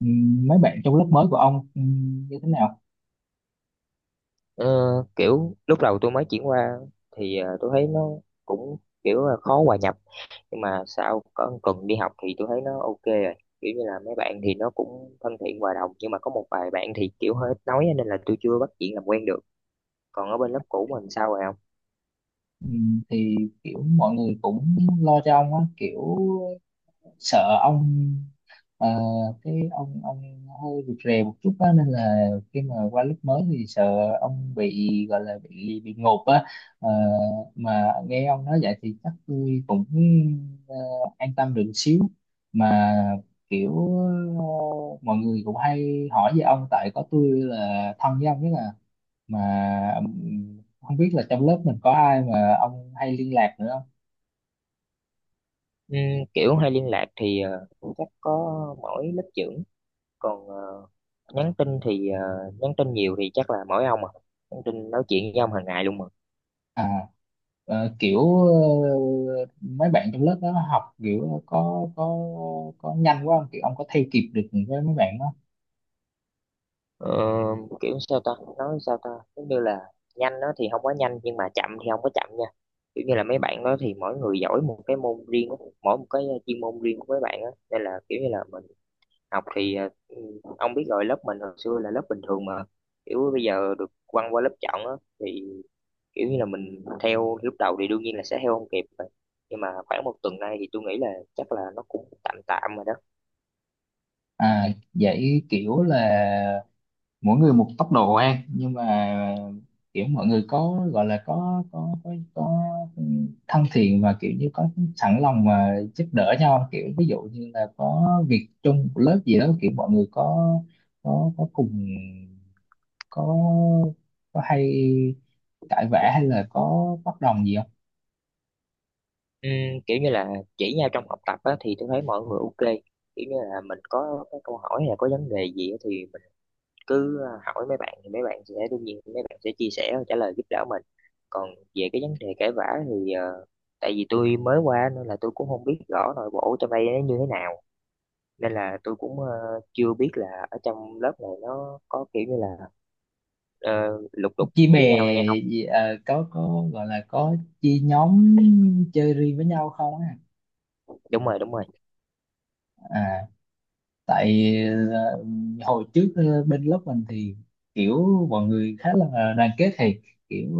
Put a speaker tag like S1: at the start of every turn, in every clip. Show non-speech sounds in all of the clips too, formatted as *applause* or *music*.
S1: Mấy bạn trong lớp mới của ông như thế nào?
S2: Ờ, kiểu lúc đầu tôi mới chuyển qua thì tôi thấy nó cũng kiểu là khó hòa nhập, nhưng mà sau có cần đi học thì tôi thấy nó ok rồi. Kiểu như là mấy bạn thì nó cũng thân thiện hòa đồng, nhưng mà có một vài bạn thì kiểu hơi ít nói nên là tôi chưa bắt chuyện làm quen được. Còn ở bên lớp cũ mình sao rồi không?
S1: Thì kiểu mọi người cũng lo cho ông á, kiểu sợ ông, ờ, cái ông hơi rụt rè một chút á, nên là khi mà qua lớp mới thì sợ ông bị gọi là bị ngộp á. Ờ, mà nghe ông nói vậy thì chắc tôi cũng ờ, an tâm được xíu, mà kiểu mọi người cũng hay hỏi về ông, tại có tôi là thân với ông nhất à. Mà không biết là trong lớp mình có ai mà ông hay liên lạc nữa không?
S2: Kiểu hay liên lạc thì chắc có mỗi lớp trưởng, còn nhắn tin thì nhắn tin nhiều thì chắc là mỗi ông à, nhắn tin nói chuyện với ông hàng ngày luôn mà.
S1: À, mấy bạn trong lớp đó học kiểu có nhanh quá không, kiểu ông có theo kịp được với mấy bạn đó?
S2: Ờ, kiểu sao ta, nói sao ta, giống như là nhanh đó thì không quá nhanh nhưng mà chậm thì không có chậm nha. Kiểu như là mấy bạn đó thì mỗi người giỏi một cái môn riêng của- mỗi một cái chuyên môn riêng của mấy bạn đó nên là kiểu như là mình học thì ông biết rồi lớp mình hồi xưa là lớp bình thường mà, kiểu bây giờ được quăng qua lớp chọn á, thì kiểu như là mình theo lúc đầu thì đương nhiên là sẽ theo không kịp rồi, nhưng mà khoảng 1 tuần nay thì tôi nghĩ là chắc là nó cũng tạm tạm rồi đó.
S1: À, vậy kiểu là mỗi người một tốc độ ăn, nhưng mà kiểu mọi người có gọi là có thân thiện và kiểu như có sẵn lòng mà giúp đỡ nhau, kiểu ví dụ như là có việc chung của lớp gì đó kiểu mọi người có, cùng có có hay cãi vã hay là có bất đồng gì không?
S2: Ừm, kiểu như là chỉ nhau trong học tập á, thì tôi thấy mọi người ok. Kiểu như là mình có cái câu hỏi hay là có vấn đề gì á, thì mình cứ hỏi mấy bạn thì mấy bạn sẽ đương nhiên mấy bạn sẽ chia sẻ và trả lời giúp đỡ mình. Còn về cái vấn đề cãi vã thì tại vì tôi mới qua nên là tôi cũng không biết rõ nội bộ trong đây nó như thế nào, nên là tôi cũng chưa biết là ở trong lớp này nó có kiểu như là ờ, lục đục
S1: Chia bè
S2: với nhau hay không.
S1: gì, à, có gọi là có chia nhóm chơi riêng với nhau không á?
S2: Đúng rồi, đúng rồi,
S1: À, tại ờ, hồi trước, bên lớp mình thì kiểu mọi người khá là đoàn kết, thì kiểu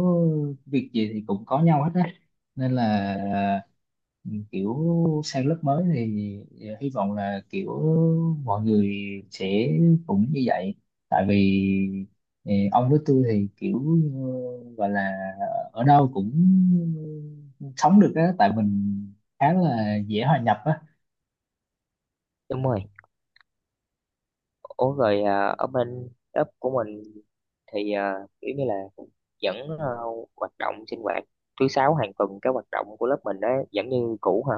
S1: việc gì thì cũng có nhau hết á, nên là ờ, kiểu sang lớp mới thì hy vọng là kiểu mọi người sẽ cũng như vậy. Tại vì ông với tôi thì kiểu gọi là ở đâu cũng sống được á, tại mình khá là dễ hòa nhập á.
S2: đúng rồi. Ủa rồi à, ở bên ấp của mình thì à, kiểu như là vẫn à, hoạt động sinh hoạt thứ sáu hàng tuần cái hoạt động của lớp mình đó vẫn như cũ hả?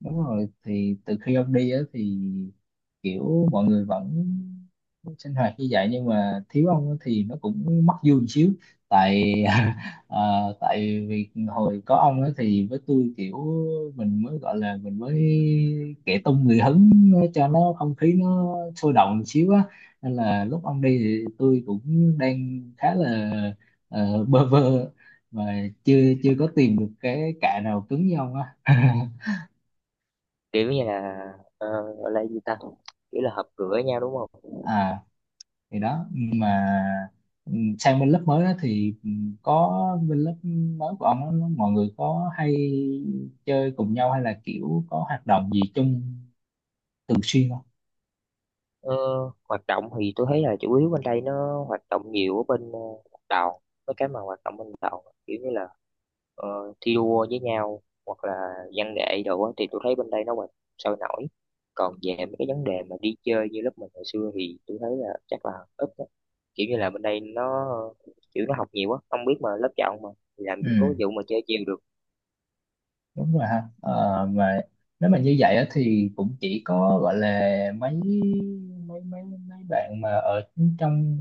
S1: Đúng rồi, thì từ khi ông đi á thì kiểu mọi người vẫn sinh hoạt như vậy, nhưng mà thiếu ông á thì nó cũng mất vui một xíu. Tại *laughs* ờ, tại vì hồi có ông á thì với tôi kiểu mình mới gọi là mình mới kẻ tung người hứng cho nó không khí nó sôi động một xíu á, nên là lúc ông đi thì tôi cũng đang khá là bơ vơ, mà chưa chưa có tìm được cái cạ nào cứng như ông á. *laughs*
S2: Kiểu như là ờ, gọi là gì ta? Kiểu là họp cửa nhau đúng không?
S1: À, thì đó. Nhưng mà ừ, sang bên lớp mới đó thì ừ, có bên lớp mới của ông đó, nó- mọi người có hay chơi cùng nhau hay là kiểu có hoạt động gì chung thường xuyên không?
S2: Ờ, hoạt động thì tôi thấy là chủ yếu bên đây nó hoạt động nhiều ở bên đoàn, mấy cái mà hoạt động bên đoàn kiểu như là ờ, thi đua với nhau hoặc là văn nghệ đồ á, thì tôi thấy bên đây nó hoạt sôi nổi. Còn về mấy cái vấn đề mà đi chơi như lớp mình hồi xưa thì tôi thấy là chắc là ít á. Kiểu như là bên đây nó kiểu nó học nhiều quá không biết mà lớp chọn mà, thì làm gì có
S1: Ừ,
S2: vụ mà chơi chiều được.
S1: đúng rồi ha. Ờ, mà nếu mà như vậy á, thì cũng chỉ có gọi là mấy mấy mấy mấy bạn mà ở trong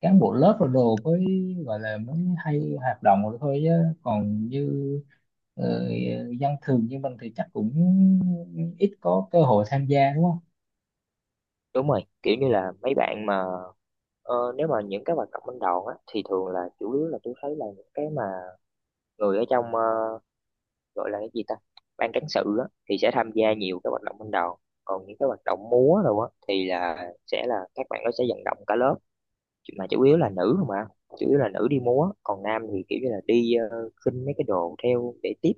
S1: cán bộ lớp rồi đồ mới gọi là mới hay hoạt động rồi thôi, chứ còn như ờ, dân thường như mình thì chắc cũng ít có cơ hội tham gia đúng không?
S2: Đúng rồi, kiểu như là mấy bạn mà nếu mà những cái hoạt động bên đoàn á thì thường là chủ yếu là tôi thấy là những cái mà người ở trong gọi là cái gì ta, ban cán sự á, thì sẽ tham gia nhiều cái hoạt động ban đầu. Còn những cái hoạt động múa đâu á thì là sẽ là các bạn nó sẽ vận động cả lớp, mà chủ yếu là nữ không ạ, chủ yếu là nữ đi múa, còn nam thì kiểu như là đi khinh mấy cái đồ theo để tiếp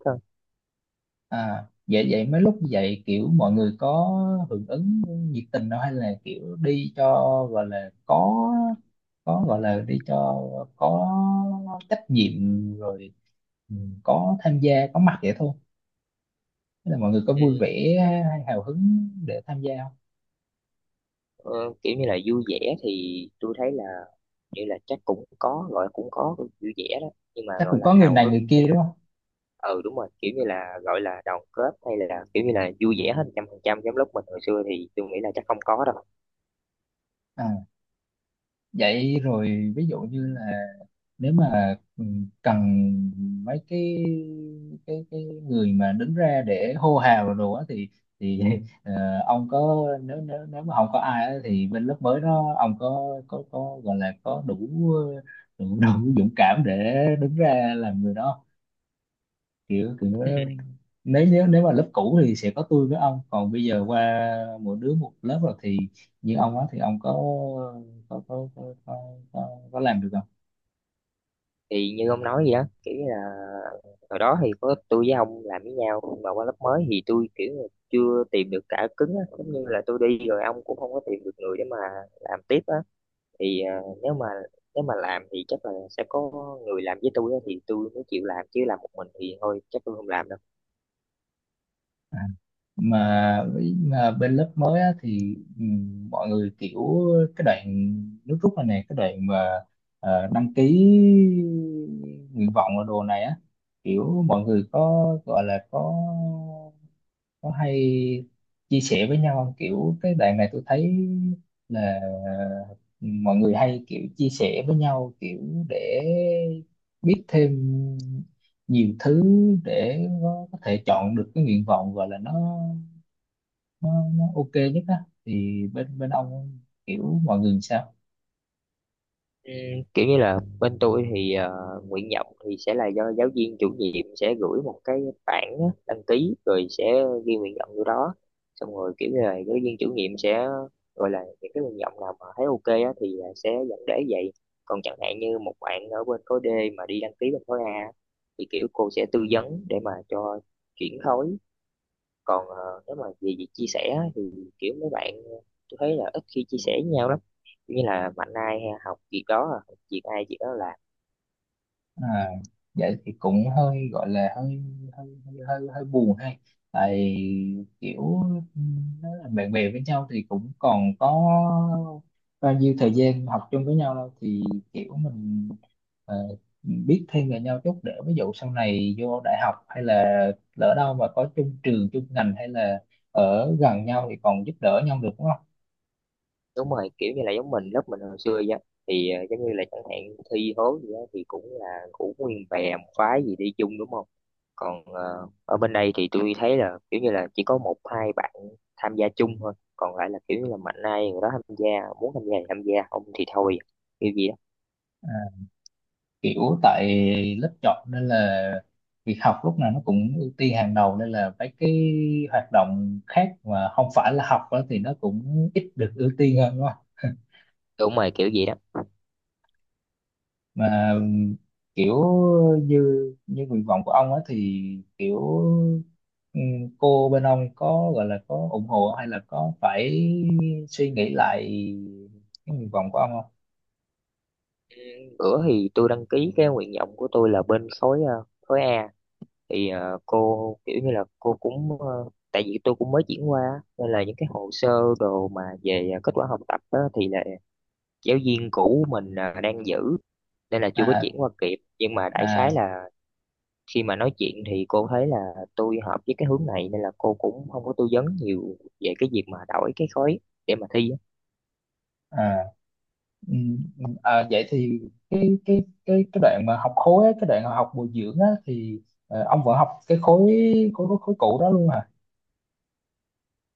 S1: À, vậy vậy mấy lúc như vậy kiểu mọi người có hưởng ứng nhiệt tình đâu, hay là kiểu đi cho gọi là có gọi là đi cho có trách nhiệm rồi, ừ, có tham gia có mặt vậy thôi. Thế là mọi người có vui
S2: thôi.
S1: vẻ hay hào hứng để tham gia không?
S2: Ờ, kiểu như là vui vẻ thì tôi thấy là như là chắc cũng có gọi là cũng có vui vẻ đó, nhưng mà
S1: Chắc
S2: gọi
S1: cũng
S2: là
S1: có người
S2: hào
S1: này
S2: hứng
S1: người
S2: hay
S1: kia
S2: là
S1: đúng không?
S2: ừ đúng rồi, kiểu như là gọi là đoàn kết hay là kiểu như là vui vẻ hết 100% giống lúc mình hồi xưa thì tôi nghĩ là chắc không có đâu.
S1: À, vậy rồi ví dụ như là nếu mà cần mấy cái, người mà đứng ra để hô hào rồi đồ á thì *laughs* ờ, ông có, nếu nếu nếu mà không có ai á, thì bên lớp mới đó ông có, gọi là có đủ, đủ *laughs* đủ dũng cảm để đứng ra làm người đó, kiểu kiểu nếu nếu nếu mà lớp cũ thì sẽ có tôi với ông, còn bây giờ qua mỗi đứa một lớp rồi thì như ông á thì ông có, có có có, có, có làm được không?
S2: Thì như ông nói vậy đó kiểu như là hồi đó thì có tôi với ông làm với nhau, nhưng mà qua lớp mới thì tôi kiểu như chưa tìm được cả cứng á, giống như là tôi đi rồi ông cũng không có tìm được người để mà làm tiếp á, thì à, nếu mà làm thì chắc là sẽ có người làm với tôi á, thì tôi mới chịu làm chứ làm một mình thì thôi chắc tôi không làm đâu.
S1: Mà với- mà bên lớp mới á, thì mọi người kiểu cái đoạn nước rút này này, cái đoạn mà đăng ký nguyện vọng ở đồ này á, kiểu mọi người có gọi là có hay chia sẻ với nhau không? Kiểu cái đoạn này tôi thấy là mọi người hay kiểu chia sẻ với nhau, kiểu để biết thêm nhiều thứ để có thể chọn được cái nguyện vọng gọi là nó, nó ok nhất á, thì bên bên ông kiểu mọi người sao?
S2: Ừm, kiểu như là bên tôi thì à, nguyện vọng thì sẽ là do giáo viên chủ nhiệm sẽ gửi một cái bảng á, đăng ký rồi sẽ ghi nguyện vọng vô đó, xong rồi kiểu như là giáo viên chủ nhiệm sẽ gọi là những cái nguyện vọng nào mà thấy ok á, thì sẽ dẫn để vậy. Còn chẳng hạn như một bạn ở bên khối D mà đi đăng ký bên khối A thì kiểu cô sẽ tư vấn để mà cho chuyển khối. Còn nếu mà về việc chia sẻ á, thì kiểu mấy bạn tôi thấy là ít khi chia sẻ với nhau lắm. Kiểu như là mạnh ai học việc đó à, học việc ai việc đó làm.
S1: À, vậy thì cũng hơi gọi là hơi hơi hơi hơi, hơi buồn hay, tại kiểu nó là bạn bè với nhau thì cũng còn có bao nhiêu thời gian học chung với nhau đâu, thì kiểu mình ờ, biết thêm về nhau chút để ví dụ sau này vô đại học hay là lỡ đâu mà có chung trường chung ngành hay là ở gần nhau thì còn giúp đỡ nhau được đúng không?
S2: Đúng rồi, kiểu như là giống mình lớp mình hồi xưa vậy á. Thì giống như là chẳng hạn thi hố gì đó thì cũng là cũng nguyên bè một phái gì đi chung đúng không. Còn ở bên đây thì tôi thấy là kiểu như là chỉ có một hai bạn tham gia chung thôi, còn lại là kiểu như là mạnh ai người đó tham gia, muốn tham gia thì tham gia không thì thôi, kiểu gì đó.
S1: À, kiểu tại lớp chọn nên là việc học lúc nào nó cũng ưu tiên hàng đầu, nên là mấy cái hoạt động khác mà không phải là học á thì nó cũng ít được ưu tiên hơn đúng không?
S2: Đúng rồi kiểu gì đó.
S1: Mà kiểu như như nguyện vọng của ông á thì kiểu ừm, cô bên ông có gọi là có ủng hộ hay là có phải suy nghĩ lại cái nguyện vọng của ông không?
S2: Bữa thì tôi đăng ký cái nguyện vọng của tôi là bên khối khối A, thì cô kiểu như là cô cũng tại vì tôi cũng mới chuyển qua á, nên là những cái hồ sơ đồ mà về kết quả học tập á, thì là giáo viên cũ mình đang giữ nên là chưa có chuyển
S1: À,
S2: qua kịp, nhưng mà đại
S1: à,
S2: khái là khi mà nói chuyện thì cô thấy là tôi hợp với cái hướng này nên là cô cũng không có tư vấn nhiều về cái việc mà đổi cái khối để mà thi.
S1: à. Ừ, à, vậy thì cái đoạn mà học khối á, cái đoạn học bồi dưỡng á, thì ông vẫn học cái khối cũ đó luôn à?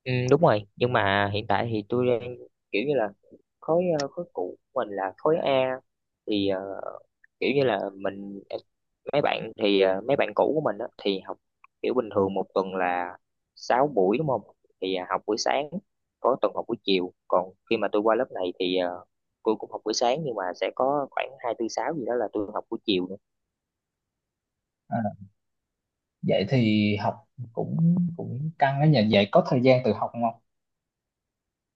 S2: Ừ, đúng rồi, nhưng mà hiện tại thì tôi đang kiểu như là khối khối cũ của mình là khối A, thì kiểu như là mình mấy bạn thì mấy bạn cũ của mình á, thì học kiểu bình thường một tuần là 6 buổi đúng không, thì học buổi sáng có tuần học buổi chiều, còn khi mà tôi qua lớp này thì tôi cũng học buổi sáng nhưng mà sẽ có khoảng 2, 4, 6 gì đó là tôi học buổi chiều.
S1: À, vậy thì học cũng, cũng căng á nhỉ, vậy có thời gian tự học không?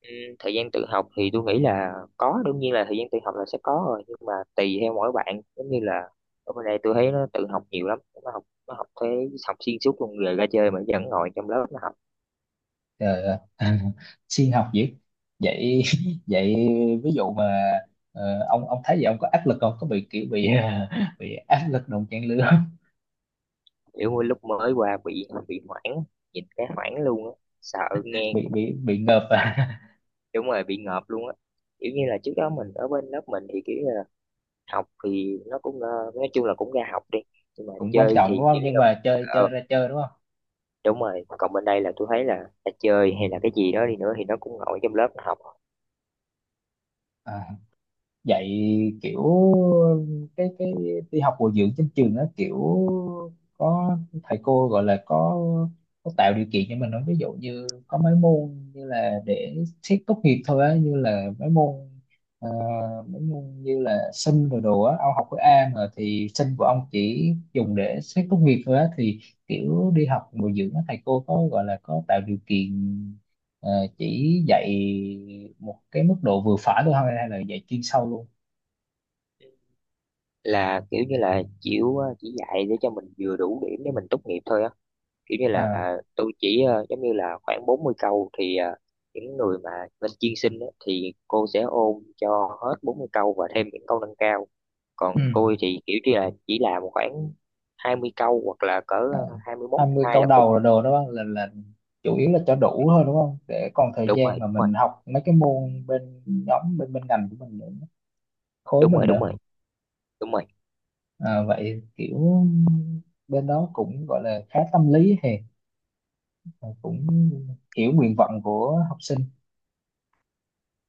S2: Ừ, thời gian tự học thì tôi nghĩ là có, đương nhiên là thời gian tự học là sẽ có rồi nhưng mà tùy theo mỗi bạn, giống như là ở bên đây tôi thấy nó tự học nhiều lắm, nó học thế, học xuyên suốt luôn rồi ra chơi mà vẫn ngồi trong lớp nó học.
S1: Trời ơi, *laughs* siêng học dữ vậy. *laughs* Vậy ví dụ mà ông thấy vậy ông có áp lực không, có bị kiểu bị *laughs* bị áp lực đồng trang lứa không?
S2: Kiểu mỗi lúc mới qua bị hoảng, nhìn cái hoảng luôn á, sợ
S1: *laughs*
S2: nghe.
S1: Bị ngợp à?
S2: Đúng rồi bị ngợp luôn á, kiểu như là trước đó mình ở bên lớp mình thì kiểu như là học thì nó cũng nói chung là cũng ra học đi, nhưng mà
S1: *laughs* Cũng quan
S2: chơi
S1: trọng đúng
S2: thì
S1: không,
S2: kiểu như
S1: nhưng
S2: là
S1: mà chơi chơi
S2: ờ,
S1: ra chơi đúng không?
S2: đúng rồi. Còn bên đây là tôi thấy là chơi hay là cái gì đó đi nữa thì nó cũng ngồi trong lớp nó học.
S1: À, dạy kiểu cái đi học bồi dưỡng trên trường nó kiểu có thầy cô gọi là có tạo điều kiện cho mình không, ví dụ như có mấy môn như là để xét tốt nghiệp thôi á, như là mấy môn ờ, mấy môn như là sinh rồi đồ á, ông học khối A mà, thì sinh của ông chỉ dùng để xét tốt nghiệp thôi á, thì kiểu đi học bồi dưỡng á thầy cô có gọi là có tạo điều kiện. Ờ, chỉ dạy một cái mức độ vừa phải thôi hay là dạy chuyên sâu luôn?
S2: Là kiểu như là chịu chỉ dạy để cho mình vừa đủ điểm để mình tốt nghiệp thôi á, kiểu như là
S1: À,
S2: tôi chỉ giống như là khoảng 40 câu thì những người mà lên chuyên sinh á, thì cô sẽ ôn cho hết 40 câu và thêm những câu nâng cao.
S1: ừ.
S2: Còn tôi thì kiểu như là chỉ làm khoảng 20 câu hoặc là cỡ
S1: À,
S2: 21
S1: 20
S2: hai
S1: câu
S2: là cùng.
S1: đầu là đồ đó, là chủ yếu là cho đủ thôi đúng không, để còn thời
S2: Đúng rồi,
S1: gian
S2: đúng
S1: mà mình
S2: rồi,
S1: học mấy cái môn bên nhóm bên bên ngành của mình nữa, khối
S2: đúng
S1: mình
S2: rồi, đúng
S1: nữa.
S2: rồi, đúng rồi,
S1: À, vậy kiểu bên đó cũng gọi là khá tâm lý, thì cũng hiểu nguyện vọng của học sinh.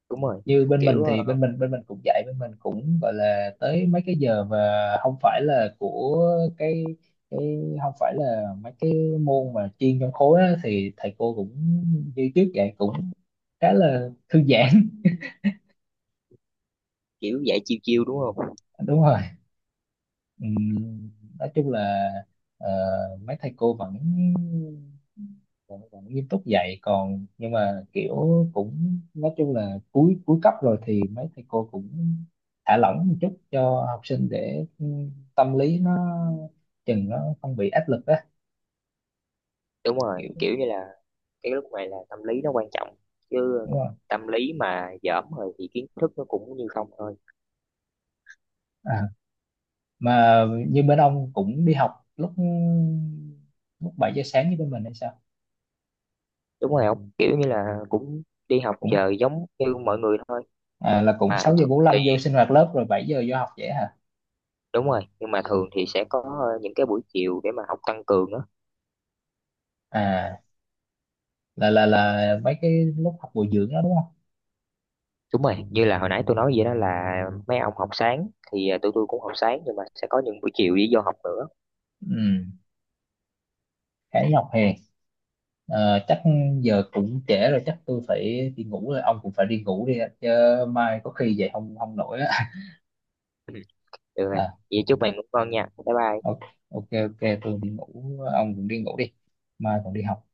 S2: đúng rồi.
S1: Như bên mình
S2: kiểu
S1: thì
S2: ờ,
S1: bên mình cũng dạy, bên mình cũng gọi là tới mấy cái giờ mà không phải là của cái cái không phải là mấy cái môn mà chuyên trong khối á, thì thầy cô cũng như trước dạy cũng khá là thư giãn.
S2: kiểu dạy chiêu chiêu đúng không.
S1: *laughs* Đúng rồi. Ừm, nói chung là ờ, mấy thầy cô vẫn, vẫn nghiêm túc dạy còn, nhưng mà kiểu cũng nói chung là cuối cuối cấp rồi thì mấy thầy cô cũng thả lỏng một chút cho học sinh để tâm lý nó chừng nó không bị áp lực á,
S2: Đúng rồi,
S1: kiểu
S2: kiểu như là cái lúc này là tâm lý nó quan trọng chứ.
S1: đúng rồi.
S2: Tâm lý mà dởm rồi thì kiến thức nó cũng như không thôi.
S1: À, mà như bên ông cũng đi học lúc, lúc 7 giờ sáng như bên mình hay sao?
S2: Đúng rồi không, kiểu như là cũng đi học
S1: Cũng
S2: giờ giống như mọi người thôi.
S1: à, là cũng
S2: Mà
S1: sáu giờ
S2: thường
S1: bốn
S2: thì
S1: lăm vô sinh hoạt lớp rồi 7 giờ vô học vậy hả?
S2: đúng rồi, nhưng mà thường thì sẽ có những cái buổi chiều để mà học tăng cường đó.
S1: À, là mấy cái lúc học bồi dưỡng đó đúng không?
S2: Đúng rồi như là hồi nãy tôi nói vậy đó là mấy ông học sáng thì tụi tôi cũng học sáng nhưng mà sẽ có những buổi chiều đi vô học nữa.
S1: Ừ, khá nhọc hè. Chắc giờ cũng trễ rồi, chắc tôi phải đi ngủ rồi, ông cũng phải đi ngủ đi ạ. Chứ mai có khi dậy không không nổi á.
S2: Ừ. Được rồi,
S1: À,
S2: vậy chúc bạn ngủ ngon nha, bye bye.
S1: ok. Ok, ok tôi đi ngủ, ông cũng đi ngủ đi, mai còn đi học.